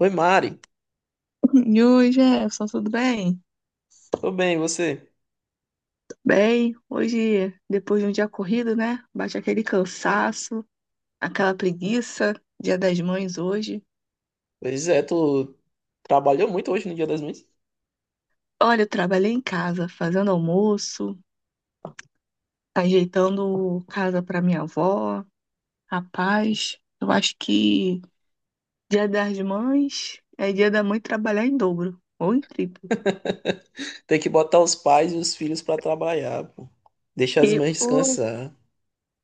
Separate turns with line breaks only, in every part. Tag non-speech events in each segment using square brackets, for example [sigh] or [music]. Oi, Mari.
E oi, Jefferson, tudo bem?
Tô bem, e você?
Tudo bem, hoje, depois de um dia corrido, né? Bate aquele cansaço, aquela preguiça, Dia das Mães hoje.
Pois é, tu trabalhou muito hoje no Dia das Mães?
Olha, eu trabalhei em casa, fazendo almoço, ajeitando casa para minha avó. Rapaz, eu acho que Dia das Mães é dia da mãe trabalhar em dobro, ou em triplo.
[laughs] Tem que botar os pais e os filhos pra trabalhar, pô. Deixar as
E,
mães
pô,
descansar.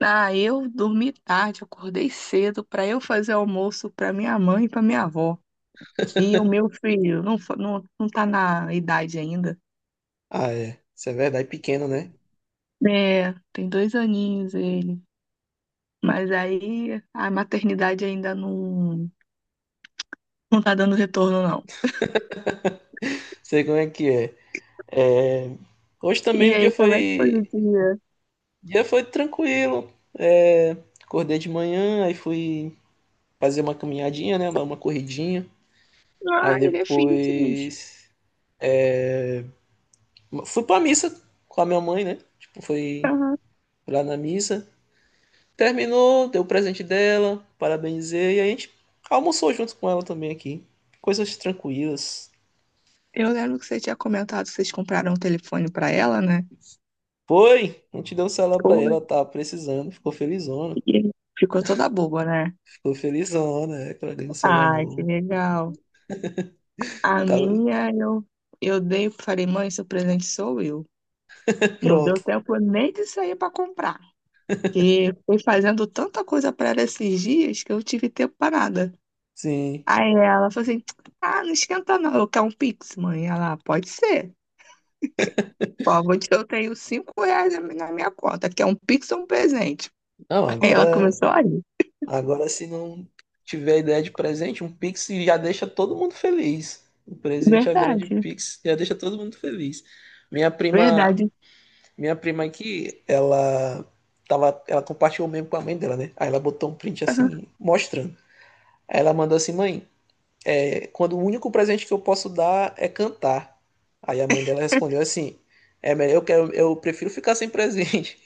ah, eu dormi tarde, acordei cedo para eu fazer almoço para minha mãe e para minha avó. E o meu
[laughs]
filho não, não, não tá na idade ainda.
Ah, é. Isso é verdade, pequeno, né?
É, tem 2 aninhos ele. Mas aí a maternidade ainda não, não tá dando retorno, não.
[laughs] Sei como é que é. Hoje
E
também o dia
aí, como é que foi o
foi,
dia?
o dia foi tranquilo. É, acordei de manhã, aí fui fazer uma caminhadinha, né? Dar uma corridinha. Aí
Ah, ele é filho fitness.
depois fui pra missa com a minha mãe, né? Tipo, fui
Aham.
lá na missa. Terminou, deu o presente dela, parabenizei, e a gente almoçou junto com ela também aqui. Coisas tranquilas.
Eu lembro que você tinha comentado que vocês compraram um telefone pra ela, né?
Foi, a gente deu um celular pra
Pô,
ela, ela tava precisando, ficou felizona.
e ficou toda boba, né?
Ficou felizona, é, que ela ganhou um celular
Ai, que
novo.
legal. A
Tava
minha, eu dei, falei, mãe, seu presente sou eu.
[laughs]
Não
pronto,
deu tempo nem de sair pra comprar. Que foi fazendo tanta coisa para ela esses dias que eu tive tempo para nada.
sim.
Aí ela falou assim: Ah, não esquenta não, eu quero um Pix, mãe. Ela, "Ah, pode ser. Ó, [laughs] eu tenho R$ 5 na minha conta, quer um Pix ou um presente?"
Não,
Aí ela
agora,
começou a rir.
agora se não tiver ideia de presente, um Pix já deixa todo mundo feliz. O presente agora de
Verdade,
Pix já deixa todo mundo feliz. Minha prima,
verdade.
Minha prima aqui, ela tava, ela compartilhou mesmo com a mãe dela, né? Aí ela botou um print assim,
[laughs]
mostrando. Aí ela mandou assim, mãe, é, quando o único presente que eu posso dar é cantar. Aí a mãe dela respondeu assim, é melhor, eu quero, eu prefiro ficar sem presente.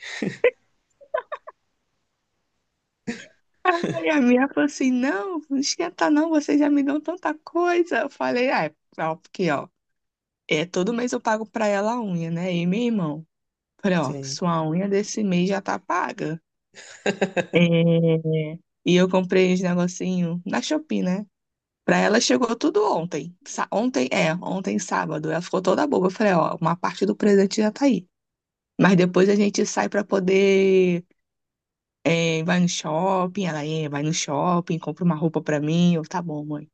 Aham. Aí a minha falou assim: Não, não esquenta não, vocês já me dão tanta coisa. Eu falei: Ah, é, ó, porque ó, é, todo mês eu pago para ela a unha, né? E meu irmão. Falei,
[laughs]
ó,
Sim,
sua unha desse mês já tá paga. É. E eu comprei esse negocinho na Shopee, né? Pra ela chegou tudo ontem. Ontem, é, ontem sábado. Ela ficou toda boba. Eu falei, ó, uma parte do presente já tá aí. Mas depois a gente sai pra poder. Vai no shopping, compra uma roupa pra mim. Eu, tá bom, mãe.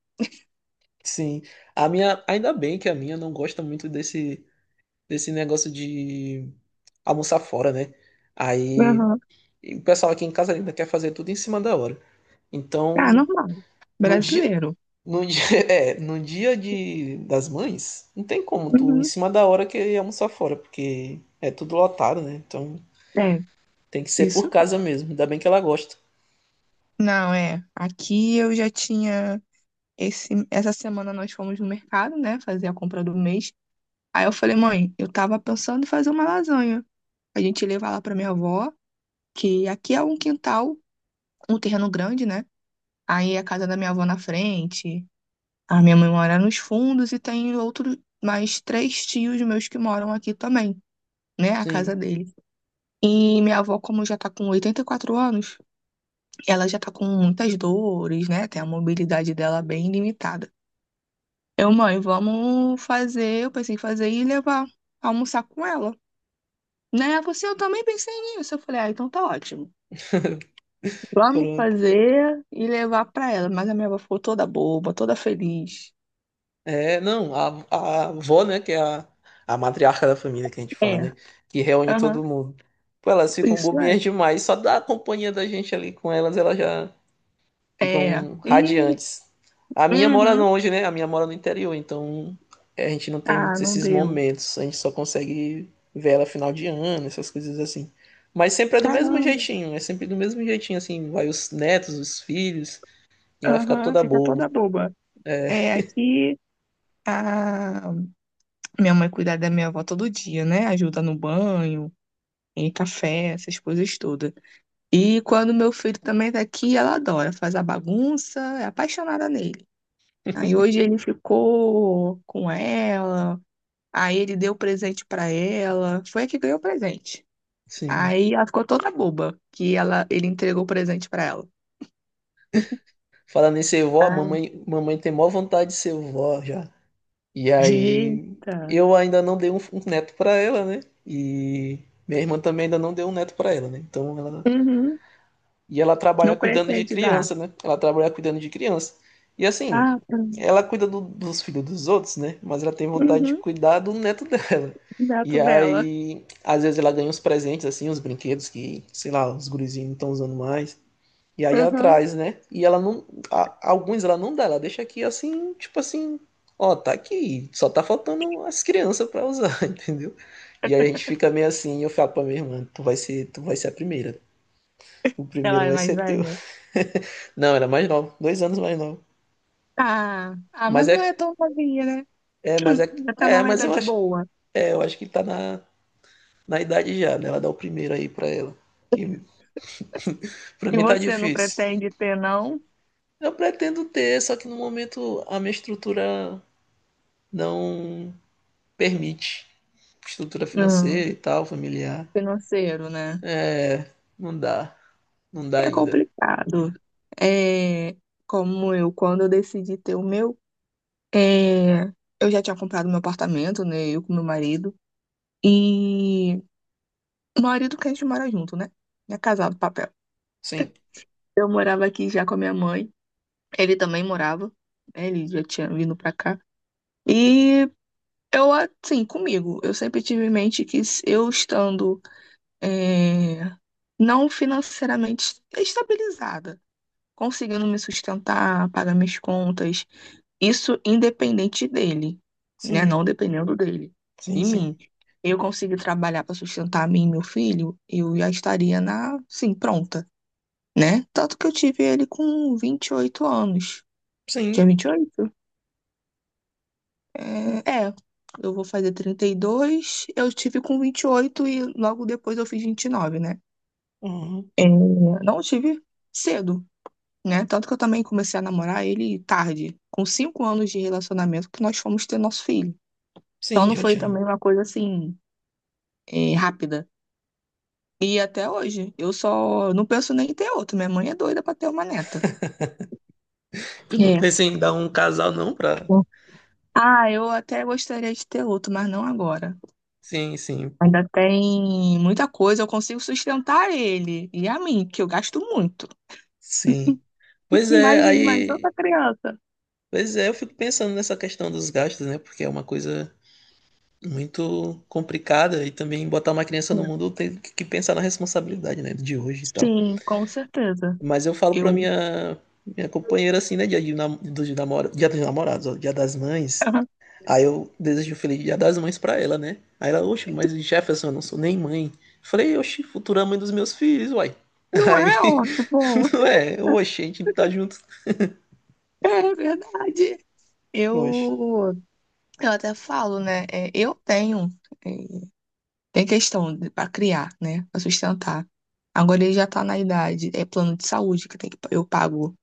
sim. A minha, ainda bem que a minha não gosta muito desse negócio de almoçar fora, né? Aí
Aham.
e o pessoal aqui em casa ainda quer fazer tudo em cima da hora.
Ah,
Então,
normal.
no dia,
Brasileiro.
No dia, [laughs] é, no dia de, das mães, não tem como tu em
Uhum.
cima da hora querer almoçar fora, porque é tudo lotado, né? Então
É,
tem que ser
isso.
por
É.
casa mesmo. Ainda bem que ela gosta.
Não, é. Aqui eu já tinha. Essa semana nós fomos no mercado, né? Fazer a compra do mês. Aí eu falei, mãe, eu tava pensando em fazer uma lasanha. A gente levar lá pra minha avó, que aqui é um quintal, um terreno grande, né? Aí a casa da minha avó na frente, a minha mãe mora nos fundos e tem outro, mais três tios meus que moram aqui também, né? A casa
Sim,
dele. E minha avó, como já tá com 84 anos, ela já tá com muitas dores, né? Tem a mobilidade dela bem limitada. Eu, mãe, vamos fazer, eu pensei em fazer e levar, almoçar com ela. Né? Ela falou assim, eu também pensei nisso. Eu falei, ah, então tá ótimo.
[laughs]
Vamos
pronto.
fazer e levar pra ela. Mas a minha avó ficou toda boba, toda feliz.
É, não, a avó, né, que é a matriarca da família que a gente fala,
É,
né? Que reúne
aham,
todo mundo. Pô, elas ficam
isso é.
bobinhas demais, só da companhia da gente ali com elas, ela já.
É.
Ficam
Ih,
radiantes. A minha mora
uhum.
longe, né? A minha mora no interior, então é, a gente não tem
Ah,
muitos
não
esses
deu.
momentos. A gente só consegue ver ela final de ano, essas coisas assim. Mas sempre é do mesmo
Caramba.
jeitinho, é sempre do mesmo jeitinho, assim. Vai os netos, os filhos, e ela fica
Aham,
toda
fica toda
boba.
boba.
É,
É, aqui a minha mãe cuida da minha avó todo dia, né? Ajuda no banho, em café, essas coisas todas. E quando meu filho também tá aqui, ela adora, faz a bagunça, é apaixonada nele. Aí hoje ele ficou com ela, aí ele deu presente pra ela, foi a que ganhou o presente.
sim.
Aí ela ficou toda boba que ela, ele entregou o presente pra ela.
Falando em ser vó, a
Ah,
mamãe, mamãe tem maior vontade de ser vó já. E aí
eita.
eu ainda não dei um neto pra ela, né? E minha irmã também ainda não deu um neto pra ela, né? Então ela
Uhum.
E ela trabalha
Não
cuidando de
pretende dar.
criança, né? Ela trabalha cuidando de criança. E assim,
Ah, tá.
ela cuida do- dos filhos dos outros, né? Mas ela tem vontade de
Uhum.
cuidar do neto [laughs] dela.
Neto
E
dela.
aí, às vezes ela ganha uns presentes, assim, uns brinquedos que, sei lá, os gurizinhos não estão usando mais. E aí ela
Uhum.
traz, né? E ela não. a- alguns ela não dá, ela deixa aqui assim, tipo assim, ó, tá aqui, só tá faltando as crianças pra usar, [laughs] entendeu? E aí a gente fica meio assim, eu falo pra minha irmã, tu vai ser a primeira. O
Ela
primeiro
é
vai
mais
ser teu.
velha.
[laughs] Não, era mais nova. Dois anos mais nova.
Ah, ah, mas
Mas
não é
é,
tão novinha, né?
é, mas é,
Já tá
é,
numa
mas eu
idade
acho,
boa.
é, eu acho que tá na idade já, né? Ela dá o primeiro aí pra ela. Que pra
E
mim tá
você não
difícil.
pretende ter, não?
Eu pretendo ter, só que no momento a minha estrutura não permite. Estrutura
Hum,
financeira e tal, familiar.
financeiro, né?
É, Não dá. Não dá
É
ainda.
complicado. É, como eu, quando eu decidi ter o meu, é, eu já tinha comprado meu apartamento, né? Eu com meu marido. E o marido que a gente mora junto, né? É casado, papel.
Sim,
Eu morava aqui já com a minha mãe. Ele também morava. Né, ele já tinha vindo pra cá. E eu, assim, comigo, eu sempre tive em mente que se eu estando, é, não financeiramente estabilizada conseguindo me sustentar, pagar minhas contas. Isso independente dele, né? Não
sim,
dependendo dele,
sim,
de mim.
sim.
Eu consegui trabalhar para sustentar a mim e meu filho, eu já estaria na, sim, pronta, né? Tanto que eu tive ele com 28 anos.
Sim.
Tinha 28? É, é, eu vou fazer 32. Eu tive com 28 e logo depois eu fiz 29, né?
Uhum.
É, não tive cedo, né? Tanto que eu também comecei a namorar ele tarde, com 5 anos de relacionamento, que nós fomos ter nosso filho. Então
Sim,
não
já
foi
tinha.
também uma coisa assim, rápida. E até hoje, eu só não penso nem em ter outro. Minha mãe é doida pra ter uma neta.
Tu não
É.
pensa em dar um casal, não, pra.
Ah, eu até gostaria de ter outro, mas não agora.
Sim, sim.
Ainda tem muita coisa, eu consigo sustentar ele e a mim, que eu gasto muito.
Sim. Pois é,
Imagine mais
aí,
outra criança.
pois é, eu fico pensando nessa questão dos gastos, né? Porque é uma coisa muito complicada e também botar uma criança no mundo tem que pensar na responsabilidade, né, de hoje e tal.
Sim, com certeza.
Mas eu falo pra
Eu.
minha companheira assim, né, dia de nam- dos namora, dia dos namorados, ó, dia das mães. Aí
[laughs]
eu desejo um feliz dia das mães pra ela, né? Aí ela, oxe, mas Jefferson, eu não sou nem mãe. Eu falei, oxe, futura mãe dos meus filhos, uai.
Não
Aí,
é ótimo.
[laughs] não é, oxe, a gente tá junto.
[laughs] É verdade.
Oxe,
Eu, eu até falo, né? Eu tenho, é, tem questão para criar, né? Para sustentar. Agora ele já tá na idade, é plano de saúde que tem que eu pago,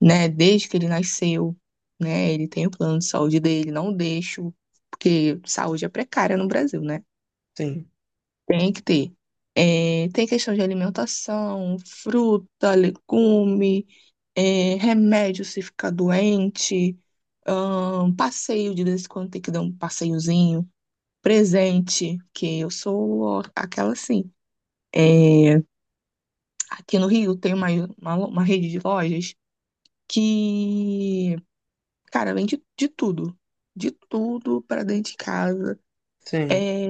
né? Desde que ele nasceu, né? Ele tem o plano de saúde dele, não deixo, porque saúde é precária no Brasil, né?
sim,
Tem que ter. É, tem questão de alimentação, fruta, legume, remédio se ficar doente, passeio de vez em quando tem que dar um passeiozinho, presente, que eu sou aquela assim. É, aqui no Rio tem uma, uma rede de lojas que, cara, vende de tudo. De tudo para dentro de casa.
sim.
É,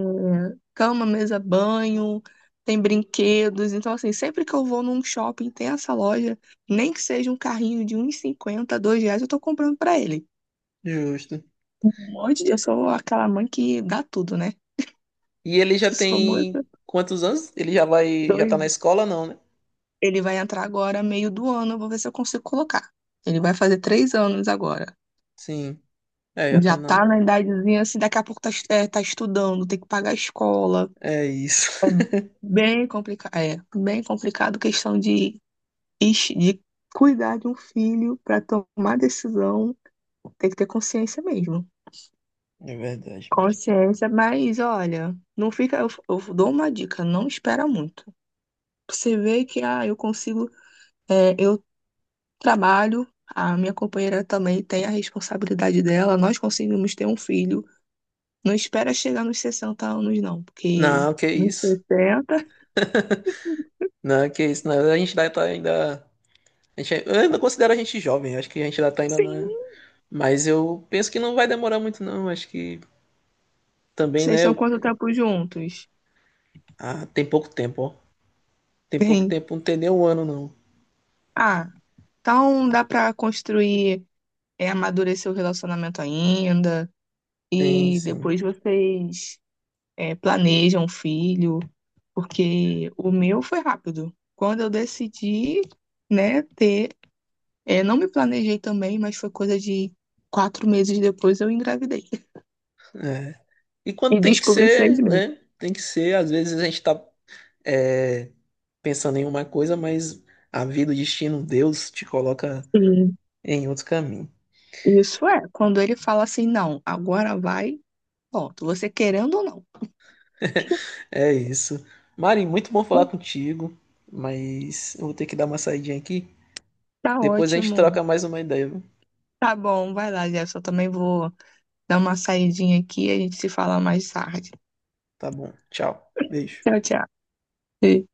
cama, mesa, banho, tem brinquedos. Então, assim, sempre que eu vou num shopping, tem essa loja, nem que seja um carrinho de um e cinquenta R$ 2, eu tô comprando pra ele.
Justo.
Um monte de... Eu sou aquela mãe que dá tudo, né? [laughs]
E ele já
Eu sou muito
tem quantos anos? Ele já vai, já tá na
doida.
escola, não, né?
Ele vai entrar agora, meio do ano, eu vou ver se eu consigo colocar. Ele vai fazer 3 anos agora.
Sim. É, já tá
Já tá
na.
na idadezinha, assim, daqui a pouco tá, tá estudando, tem que pagar a escola.
É isso.
É
[laughs]
é, bem complicado questão de de cuidar de um filho para tomar decisão, tem que ter consciência mesmo.
É verdade, mas.
Consciência, mas olha, não fica. Eu dou uma dica, não espera muito. Você vê que eu consigo, eu trabalho, a minha companheira também tem a responsabilidade dela, nós conseguimos ter um filho. Não espera chegar nos 60 anos, não, porque
Não, que
nos
isso.
60
Não, que isso. Não, a gente ainda tá ainda. A gente, eu ainda considero a gente jovem, acho que a gente ainda tá ainda
sim.
na. Mas eu penso que não vai demorar muito, não. Acho que também,
Vocês
né?
estão
eu-
quanto tempo juntos?
Ah, tem pouco tempo, ó. Tem pouco
Bem,
tempo, não tem nem um ano, não.
ah, então dá para construir amadurecer o relacionamento ainda,
Tem,
e
sim.
depois vocês planejam um filho, porque o meu foi rápido. Quando eu decidi, né, ter, não me planejei também, mas foi coisa de 4 meses depois eu engravidei.
É. E quando
E
tem que
descobri seis
ser,
meses.
né? Tem que ser, às vezes a gente tá. é, pensando em uma coisa, mas a vida, o destino, Deus te coloca
Sim,
em outro caminho.
isso é. Quando ele fala assim, não, agora vai, pronto, você querendo ou não.
[laughs] É isso. Mari, muito bom falar contigo, mas eu vou ter que dar uma saidinha aqui.
Tá
Depois a gente
ótimo.
troca mais uma ideia, viu?
Tá bom, vai lá, Jefferson. Eu também vou dar uma saidinha aqui e a gente se fala mais tarde.
Tá bom. Tchau. Beijo.
Tchau, tchau. Beijo.